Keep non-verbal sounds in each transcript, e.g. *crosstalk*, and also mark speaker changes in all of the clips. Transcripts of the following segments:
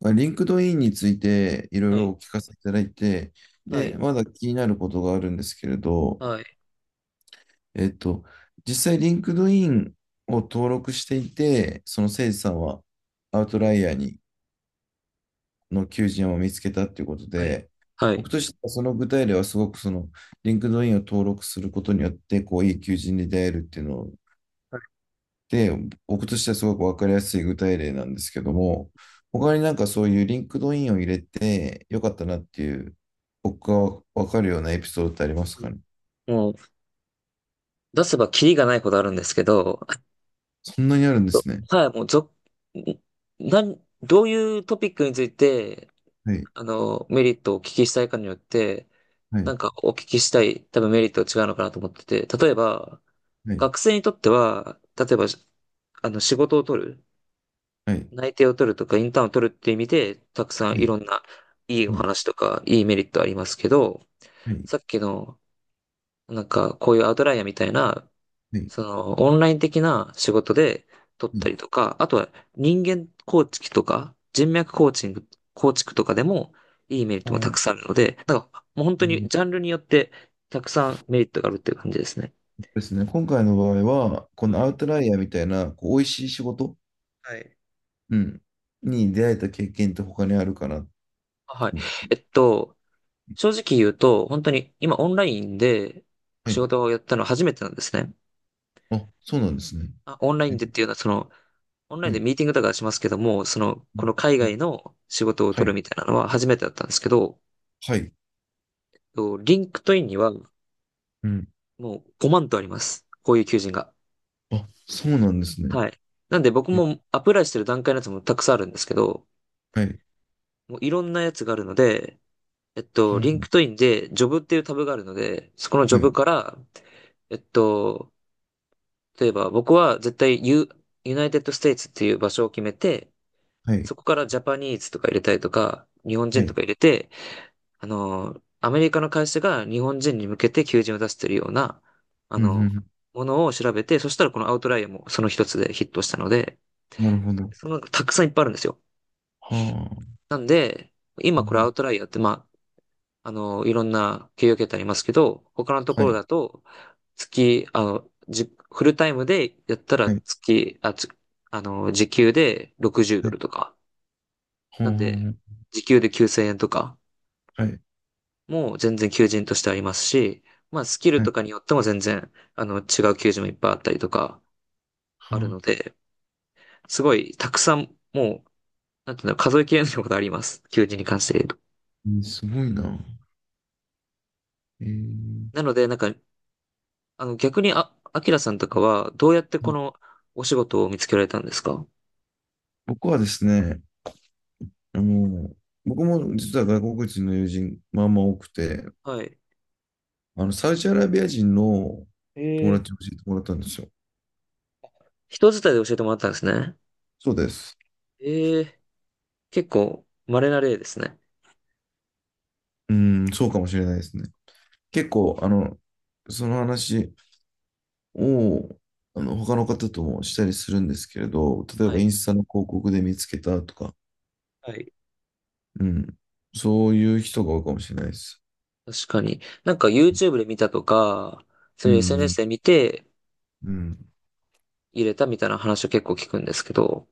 Speaker 1: まあリンクドインについていろい
Speaker 2: は
Speaker 1: ろ
Speaker 2: い、
Speaker 1: お聞かせいただいて、
Speaker 2: は
Speaker 1: で、
Speaker 2: い、
Speaker 1: まだ気になることがあるんですけれど、
Speaker 2: はい、
Speaker 1: えっと、実際リンクドインを登録していて、そのせいさんはアウト
Speaker 2: はい、
Speaker 1: ライヤーにの求人を見つけたっていうこと
Speaker 2: はい、
Speaker 1: で、
Speaker 2: は
Speaker 1: 僕
Speaker 2: い。
Speaker 1: としてはその具体例はすごくそのリンクドインを登録することによって、こういい求人に出会えるっていうの
Speaker 2: は
Speaker 1: で、僕としてはすごく分かりやすい具体例なんですけども、他になんかそういうリンクドインを入れてよかったなっていう、僕が分かるようなエピソードってあります
Speaker 2: い、
Speaker 1: かね？
Speaker 2: もう、出せばキリがないことあるんですけど、*laughs* あ
Speaker 1: そんなにあるんで
Speaker 2: と、
Speaker 1: すね。
Speaker 2: はい、もう、ぞ、なん、どういうトピックについて、
Speaker 1: はい、
Speaker 2: メリットをお聞きしたいかによって、
Speaker 1: は
Speaker 2: な
Speaker 1: い、
Speaker 2: んかお聞きしたい、多分メリットが違うのかなと思ってて。例えば、
Speaker 1: はい、
Speaker 2: 学生にとっては、例えば、仕事を取る、
Speaker 1: はい、
Speaker 2: 内定を取るとか、インターンを取るっていう意味で、たくさん
Speaker 1: は
Speaker 2: い
Speaker 1: い、
Speaker 2: ろんな、いいお
Speaker 1: はい、
Speaker 2: 話とか、いいメリットありますけど、
Speaker 1: はい、はい、
Speaker 2: さっきの、なんか、こういうアウトライヤーみたいな、
Speaker 1: はい。
Speaker 2: その、オンライン的な仕事で取ったりとか、あとは人間構築とか、人脈コーチング、構築とかでも、いいメリッ
Speaker 1: う
Speaker 2: トもた
Speaker 1: ん、
Speaker 2: くさんあるので、なんか、もう本
Speaker 1: う
Speaker 2: 当に
Speaker 1: ん、
Speaker 2: ジャンルによって、たくさんメリットがあるっていう感じですね。
Speaker 1: ですね。今回の場合は、こ
Speaker 2: は
Speaker 1: の
Speaker 2: い。
Speaker 1: アウトライヤーみたいな、こう、美味しい仕事、
Speaker 2: はい。
Speaker 1: うん、に出会えた経験って他にあるかなって
Speaker 2: はい。
Speaker 1: 思う。
Speaker 2: えっと、正直言うと、本当に今オンラインで
Speaker 1: は
Speaker 2: 仕
Speaker 1: い。
Speaker 2: 事をやったのは初めてなんですね。
Speaker 1: あ、そうなんですね。
Speaker 2: あ、オンライン
Speaker 1: え、
Speaker 2: でっていうのはそのオンラ
Speaker 1: は
Speaker 2: インで
Speaker 1: い。
Speaker 2: ミーティングとかしますけども、その、
Speaker 1: う
Speaker 2: こ
Speaker 1: ん、
Speaker 2: の海外の仕事を
Speaker 1: は
Speaker 2: 取る
Speaker 1: い。
Speaker 2: みたいなのは初めてだったんですけど、
Speaker 1: はい。
Speaker 2: とリンクトインにはも
Speaker 1: うん。
Speaker 2: う5万とあります。こういう求人が。
Speaker 1: あ、そうなんですね。
Speaker 2: はい。なんで僕
Speaker 1: え、
Speaker 2: もアプライしてる段階のやつもたくさんあるんですけど、
Speaker 1: はい。
Speaker 2: もういろんなやつがあるので、リンクト
Speaker 1: は、
Speaker 2: インでジョブっていうタブがあるので、そこのジ
Speaker 1: は
Speaker 2: ョ
Speaker 1: い。
Speaker 2: ブから、えっと、例えば僕は絶対ユナイテッドステイツっていう場所を決めて、
Speaker 1: はい。
Speaker 2: そこからジャパニーズとか入れたりとか、日本
Speaker 1: は
Speaker 2: 人と
Speaker 1: い。
Speaker 2: か入れて、アメリカの会社が日本人に向けて求人を出しているような、あ
Speaker 1: うん、うん。う
Speaker 2: の、
Speaker 1: ん、
Speaker 2: ものを調べて、そしたらこのアウトライアーもその一つでヒットしたので、
Speaker 1: なるほど。
Speaker 2: その、たくさんいっぱいあるんですよ。
Speaker 1: はあ。
Speaker 2: なんで、
Speaker 1: う
Speaker 2: 今
Speaker 1: ん、
Speaker 2: これ
Speaker 1: う
Speaker 2: アウ
Speaker 1: ん、
Speaker 2: トライアーって、まあ、いろんな企業形態ありますけど、他のと
Speaker 1: は
Speaker 2: ころ
Speaker 1: い。
Speaker 2: だと、月、あの、じ、フルタイムでやったら
Speaker 1: はい。
Speaker 2: 月、あ、つ、あの、時給で60ド
Speaker 1: はい。
Speaker 2: ルとか。なんで、
Speaker 1: は
Speaker 2: 時給で9000円とか。
Speaker 1: あ。はい。
Speaker 2: もう全然求人としてありますし、まあスキル
Speaker 1: は
Speaker 2: と
Speaker 1: い。
Speaker 2: かによっても全然、違う求人もいっぱいあったりとか
Speaker 1: は
Speaker 2: ある
Speaker 1: あ。
Speaker 2: ので、すごいたくさん、もう、なんていうの、数えきれないことあります。求人に関して言うと。
Speaker 1: うん、すごいな。えー、
Speaker 2: なので、なんか、逆に、あ、アキラさんとかは、どうやってこのお仕事を見つけられたんですか？
Speaker 1: 僕はですね、あの、僕も実は外国人の友人、まあまあ多くて、
Speaker 2: はい。
Speaker 1: サウジアラビア人の友
Speaker 2: ええ、
Speaker 1: 達を教えてもらったんですよ。
Speaker 2: 人伝いで教えてもらったんですね。
Speaker 1: そうです。
Speaker 2: ええ、結構、稀な例ですね。
Speaker 1: うん、そうかもしれないですね。結構、その話、を、他の方ともしたりするんですけれど、例え
Speaker 2: は
Speaker 1: ば
Speaker 2: い。
Speaker 1: インスタの広告で見つけたとか、
Speaker 2: はい。
Speaker 1: うん、そういう人が多いかもしれないです。
Speaker 2: 確かに。なんか YouTube で見たとか、そ
Speaker 1: う
Speaker 2: ういう SNS
Speaker 1: ん、
Speaker 2: で見て、
Speaker 1: うん、
Speaker 2: 入れたみたいな話を結構聞くんですけど、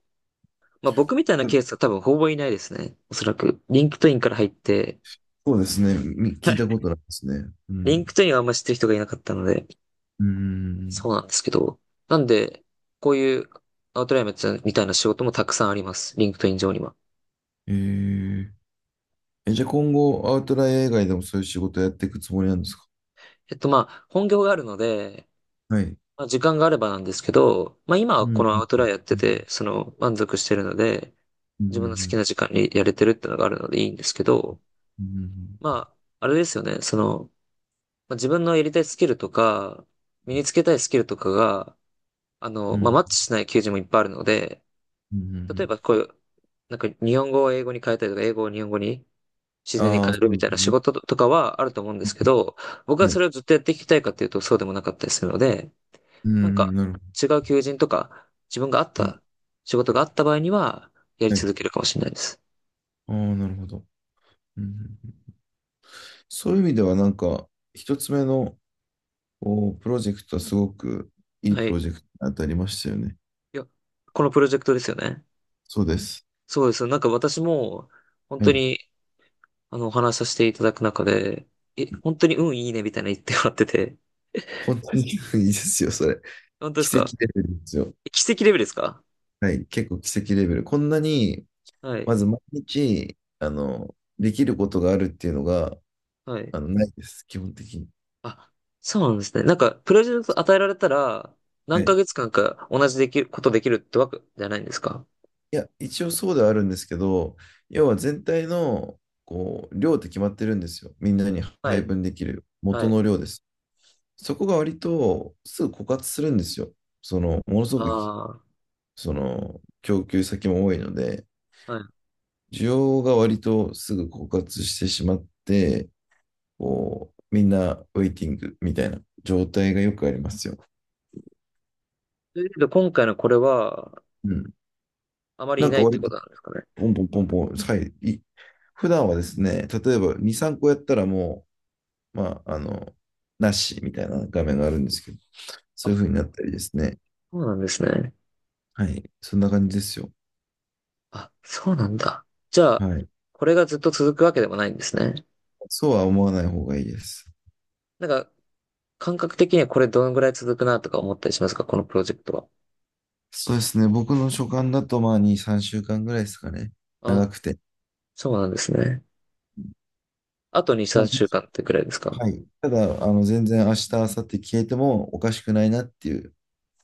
Speaker 2: まあ僕みたいなケースが多分ほぼいないですね。おそらく。リンクトインから入って、
Speaker 1: そうですね。聞いたことないですね。う
Speaker 2: リ
Speaker 1: ん。
Speaker 2: ンクトインはあんま知ってる人がいなかったので、
Speaker 1: うん。
Speaker 2: そうなんですけど。なんで、こういうアウトラインみたいな仕事もたくさんあります。リンクトイン上には。
Speaker 1: えー、え、じゃあ今後、アウトライン以外でもそういう仕事をやっていくつもりなんですか？
Speaker 2: まあ、本業があるので、
Speaker 1: はい。
Speaker 2: まあ、時間があればなんですけど、まあ今
Speaker 1: う
Speaker 2: は
Speaker 1: ん、
Speaker 2: このア
Speaker 1: あ、
Speaker 2: ウトラインやっ
Speaker 1: う
Speaker 2: てて、
Speaker 1: ん、
Speaker 2: その満足してるので、
Speaker 1: う
Speaker 2: 自分の好き
Speaker 1: ん、
Speaker 2: な時間にやれてるってのがあるのでいいんですけど、
Speaker 1: うん、
Speaker 2: まあ、あれですよね。その、まあ自分のやりたいスキルとか、身につけたいスキルとかが、
Speaker 1: う
Speaker 2: まあ、
Speaker 1: ん、
Speaker 2: マッチしない求人もいっぱいあるので、
Speaker 1: うん、う
Speaker 2: 例えば
Speaker 1: ん、
Speaker 2: こういう、なんか日本語を英語に変えたりとか、英語を日本語に自然に
Speaker 1: ああー、
Speaker 2: 変える
Speaker 1: そ
Speaker 2: み
Speaker 1: うで
Speaker 2: た
Speaker 1: す
Speaker 2: いな仕
Speaker 1: ね。
Speaker 2: 事とかはあると思うんですけど、僕
Speaker 1: は
Speaker 2: はそ
Speaker 1: い。
Speaker 2: れをずっとやっていきたいかっていうとそうでもなかったりするので、
Speaker 1: うん、う
Speaker 2: なん
Speaker 1: ん、
Speaker 2: か
Speaker 1: なるほど。
Speaker 2: 違う求人とか、自分があっ
Speaker 1: うん、
Speaker 2: た仕事があった場合には、やり
Speaker 1: はい。
Speaker 2: 続けるかもしれないです。
Speaker 1: ああ、なるほど。うん、うん、そういう意味ではなんか、一つ目のこうプロジェクトはすごくいい
Speaker 2: はい。
Speaker 1: プ
Speaker 2: い
Speaker 1: ロジェクトに当たりましたよね。
Speaker 2: や、このプロジェクトですよね。
Speaker 1: そうです。
Speaker 2: そうです。なんか私も、本
Speaker 1: は
Speaker 2: 当
Speaker 1: い。
Speaker 2: にお話しさせていただく中で、え、本当に運いいねみたいな言ってもらってて。
Speaker 1: 本当に *laughs* いいですよ、それ。
Speaker 2: 本
Speaker 1: *laughs*
Speaker 2: 当です
Speaker 1: 奇
Speaker 2: か？
Speaker 1: 跡レベルですよ。
Speaker 2: え、奇跡レベルですか？
Speaker 1: はい。結構奇跡レベル。こんなに、
Speaker 2: はい。
Speaker 1: まず毎日、できることがあるっていうのが、
Speaker 2: はい。
Speaker 1: ないです、基本的に。
Speaker 2: あ、そうなんですね。なんか、プロジェクト与えられたら、
Speaker 1: は
Speaker 2: 何ヶ
Speaker 1: い。
Speaker 2: 月間か同じできる、ことできるってわけじゃないんですか？
Speaker 1: いや、一応そうではあるんですけど、要は全体の、こう、量って決まってるんですよ。みんなに
Speaker 2: は
Speaker 1: 配
Speaker 2: い。
Speaker 1: 分できる
Speaker 2: は
Speaker 1: 元
Speaker 2: い。
Speaker 1: の量です。そこが割とすぐ枯渇するんですよ。ものすごく、
Speaker 2: あ
Speaker 1: 供給先も多いので、
Speaker 2: あ、はい。
Speaker 1: 需要が割とすぐ枯渇してしまって、こう、みんなウェイティングみたいな状態がよくありますよ。
Speaker 2: ということで、今回のこれは、
Speaker 1: うん。
Speaker 2: あまり
Speaker 1: な
Speaker 2: い
Speaker 1: ん
Speaker 2: な
Speaker 1: か
Speaker 2: いって
Speaker 1: 割
Speaker 2: こ
Speaker 1: と、
Speaker 2: となんですかね。
Speaker 1: ポンポンポンポン、はい、普段はですね、例えば2、3個やったらもう、まあ、なしみたいな画面があるんですけど、そうい
Speaker 2: あ、
Speaker 1: う風になったりですね。
Speaker 2: そうなんですね。
Speaker 1: はい。そんな感じですよ。
Speaker 2: あ、そうなんだ。じゃ
Speaker 1: は
Speaker 2: あ、
Speaker 1: い。
Speaker 2: これがずっと続くわけでもないんですね。
Speaker 1: そうは思わない方がいいです。
Speaker 2: なんか、感覚的にはこれどのぐらい続くなとか思ったりしますか？このプロジェクトは。
Speaker 1: そうですね。僕の所感だと、まあ、2、3週間ぐらいですかね。長
Speaker 2: あ、
Speaker 1: くて。
Speaker 2: そうなんですね。あと2、
Speaker 1: まあ、
Speaker 2: 3週間ってぐらいですか？
Speaker 1: はい。ただ、
Speaker 2: うん、
Speaker 1: 全然明日、明後日消えてもおかしくないなっていう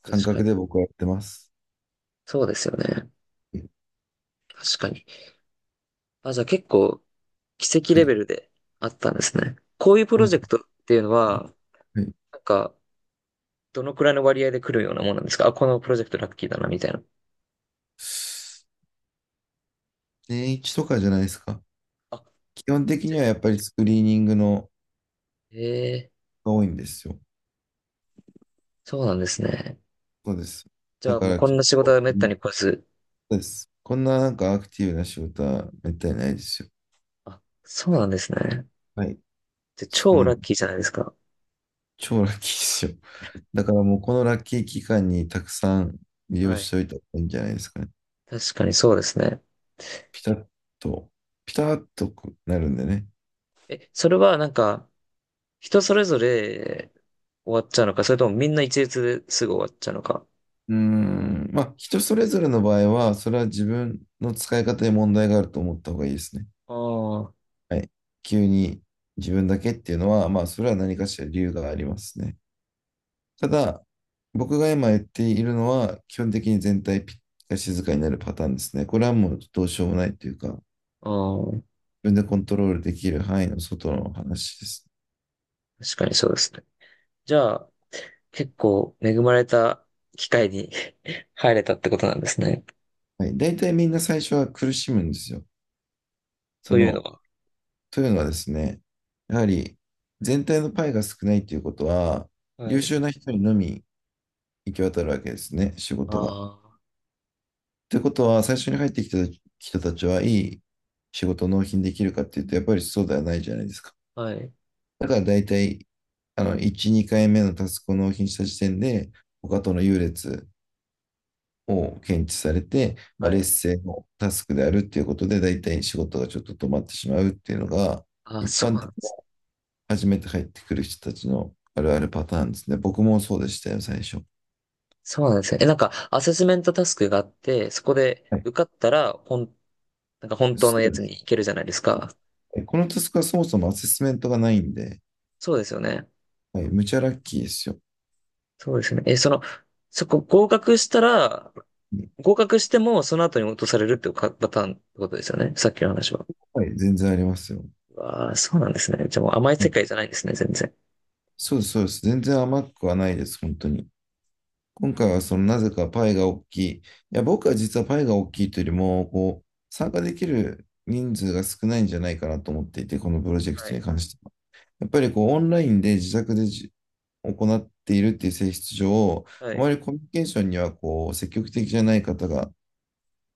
Speaker 1: 感
Speaker 2: 確か
Speaker 1: 覚
Speaker 2: に。
Speaker 1: で僕はやってます。
Speaker 2: そうですよね。確かに。あ、じゃあ結構奇跡
Speaker 1: は
Speaker 2: レ
Speaker 1: い。
Speaker 2: ベルであったんですね。こういうプロ
Speaker 1: 本当
Speaker 2: ジェ
Speaker 1: に、
Speaker 2: クトっていうのは、
Speaker 1: はい。
Speaker 2: なんか、どのくらいの割合で来るようなもんなんですか？あ、このプロジェクトラッキーだな、みたいな。
Speaker 1: 年一とかじゃないですか。
Speaker 2: あ、
Speaker 1: 基本的
Speaker 2: じゃ
Speaker 1: にはや
Speaker 2: あ、
Speaker 1: っぱりスクリーニングの
Speaker 2: ええ、
Speaker 1: が多いんですよ。
Speaker 2: そうなんですね。
Speaker 1: そうです。
Speaker 2: じゃ
Speaker 1: だ
Speaker 2: あ
Speaker 1: か
Speaker 2: もう
Speaker 1: ら
Speaker 2: こん
Speaker 1: 結
Speaker 2: な仕事
Speaker 1: 構、
Speaker 2: はめっ
Speaker 1: う
Speaker 2: たに
Speaker 1: ん、
Speaker 2: 来ず。
Speaker 1: そうです。こんななんかアクティブな仕事はめったにないですよ。
Speaker 2: あ、そうなんですね。
Speaker 1: はい。
Speaker 2: じゃあ
Speaker 1: そ
Speaker 2: 超
Speaker 1: の、
Speaker 2: ラッキーじゃないですか。
Speaker 1: 超ラッキーですよ。だからもうこのラッキー期間にたくさん利用
Speaker 2: は
Speaker 1: し
Speaker 2: い。
Speaker 1: ておいた方がいいんじゃないですかね。
Speaker 2: 確かにそうですね。
Speaker 1: ピタッと、ピタッとこうなるんでね。
Speaker 2: え、それはなんか、人それぞれ終わっちゃうのか、それともみんな一律ですぐ終わっちゃうのか。
Speaker 1: うーん、まあ人それぞれの場合は、それは自分の使い方に問題があると思った方がいいですね。
Speaker 2: あ
Speaker 1: はい。急に自分だけっていうのは、まあそれは何かしら理由がありますね。ただ、僕が今言っているのは、基本的に全体が静かになるパターンですね。これはもうどうしようもないというか、自
Speaker 2: あ、うん、
Speaker 1: 分でコントロールできる範囲の外の話ですね。
Speaker 2: 確かにそうですね。じゃあ、結構恵まれた機会に *laughs* 入れたってことなんですね。
Speaker 1: はい、大体みんな最初は苦しむんですよ。
Speaker 2: と
Speaker 1: そ
Speaker 2: いうの
Speaker 1: の、
Speaker 2: は。
Speaker 1: というのはですね、やはり全体のパイが少ないということは、
Speaker 2: は
Speaker 1: 優
Speaker 2: い。
Speaker 1: 秀な人にのみ行き渡るわけですね、仕事が。
Speaker 2: あ
Speaker 1: ということは、最初に入ってきた人たちはいい仕事を納品できるかっていうと、やっぱりそうではないじゃないですか。
Speaker 2: あ、はい。
Speaker 1: だから大体、1、2回目のタスクを納品した時点で、他との優劣を検知されて、まあ、
Speaker 2: はい。
Speaker 1: 劣勢のタスクであるっていうことで、大体仕事がちょっと止まってしまうっていうのが、
Speaker 2: ああ、
Speaker 1: 一
Speaker 2: そう
Speaker 1: 般
Speaker 2: なん
Speaker 1: 的に
Speaker 2: です。
Speaker 1: 初めて入ってくる人たちのあるあるパターンですね。僕もそうでしたよ、最初。
Speaker 2: そうなんですね。え、なんか、アセスメントタスクがあって、そこで
Speaker 1: はい。
Speaker 2: 受かったら、なんか本当の
Speaker 1: そ
Speaker 2: や
Speaker 1: うで
Speaker 2: つに
Speaker 1: す。
Speaker 2: 行けるじゃないです
Speaker 1: は
Speaker 2: か。
Speaker 1: い、このタスクはそもそもアセスメントがないんで、
Speaker 2: そうですよね。
Speaker 1: はい、むちゃラッキーですよ。
Speaker 2: そうですよね。え、その、そこ合格しても、その後に落とされるっていうかパターンってことですよね。さっきの話は。
Speaker 1: はい、全然ありますよ。
Speaker 2: わあ、そうなんですね。じゃあもう甘い
Speaker 1: は
Speaker 2: 世
Speaker 1: い、
Speaker 2: 界じゃないですね、全然。
Speaker 1: そうです、そうです。全然甘くはないです、本当に。今回はそのなぜかパイが大きい。いや、僕は実はパイが大きいというよりも、こう、参加できる人数が少ないんじゃないかなと思っていて、このプロジェク
Speaker 2: は
Speaker 1: ト
Speaker 2: い。
Speaker 1: に関しては。やっぱりこう、オンラインで自宅で行っているっていう性質上、
Speaker 2: は
Speaker 1: あま
Speaker 2: い。
Speaker 1: りコミュニケーションにはこう、積極的じゃない方が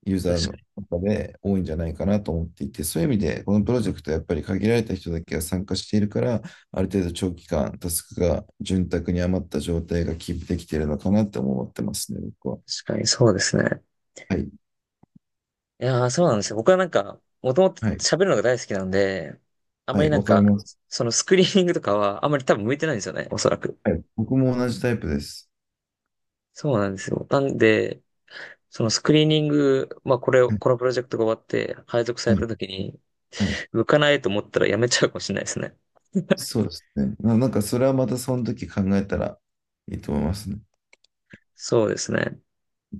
Speaker 1: ユーザー
Speaker 2: 確か
Speaker 1: の
Speaker 2: に。
Speaker 1: 中で多いんじゃないかなと思っていて、そういう意味で、このプロジェクトはやっぱり限られた人だけが参加しているから、ある程度長期間、タスクが潤沢に余った状態がキープできているのかなって思ってますね、僕は。
Speaker 2: 確かに、そうですね。
Speaker 1: はい、
Speaker 2: いやー、そうなんですよ。僕はなんか、もともと
Speaker 1: はい、
Speaker 2: 喋るのが大好きなんで、あ
Speaker 1: は
Speaker 2: まり
Speaker 1: い、
Speaker 2: な
Speaker 1: わ
Speaker 2: ん
Speaker 1: かり
Speaker 2: か、
Speaker 1: ます。
Speaker 2: そのスクリーニングとかは、あまり多分向いてないんですよね、おそらく。
Speaker 1: はい、僕も同じタイプです。
Speaker 2: そうなんですよ。なんで、そのスクリーニング、まあこれを、
Speaker 1: はい、
Speaker 2: このプロジェクトが終わって配属さ
Speaker 1: は
Speaker 2: れた
Speaker 1: い、
Speaker 2: 時に、
Speaker 1: はい、
Speaker 2: 向かないと思ったらやめちゃうかもしれないですね。
Speaker 1: そうですね。なんかそれはまたその時考えたらいいと思いますね。
Speaker 2: そうですね。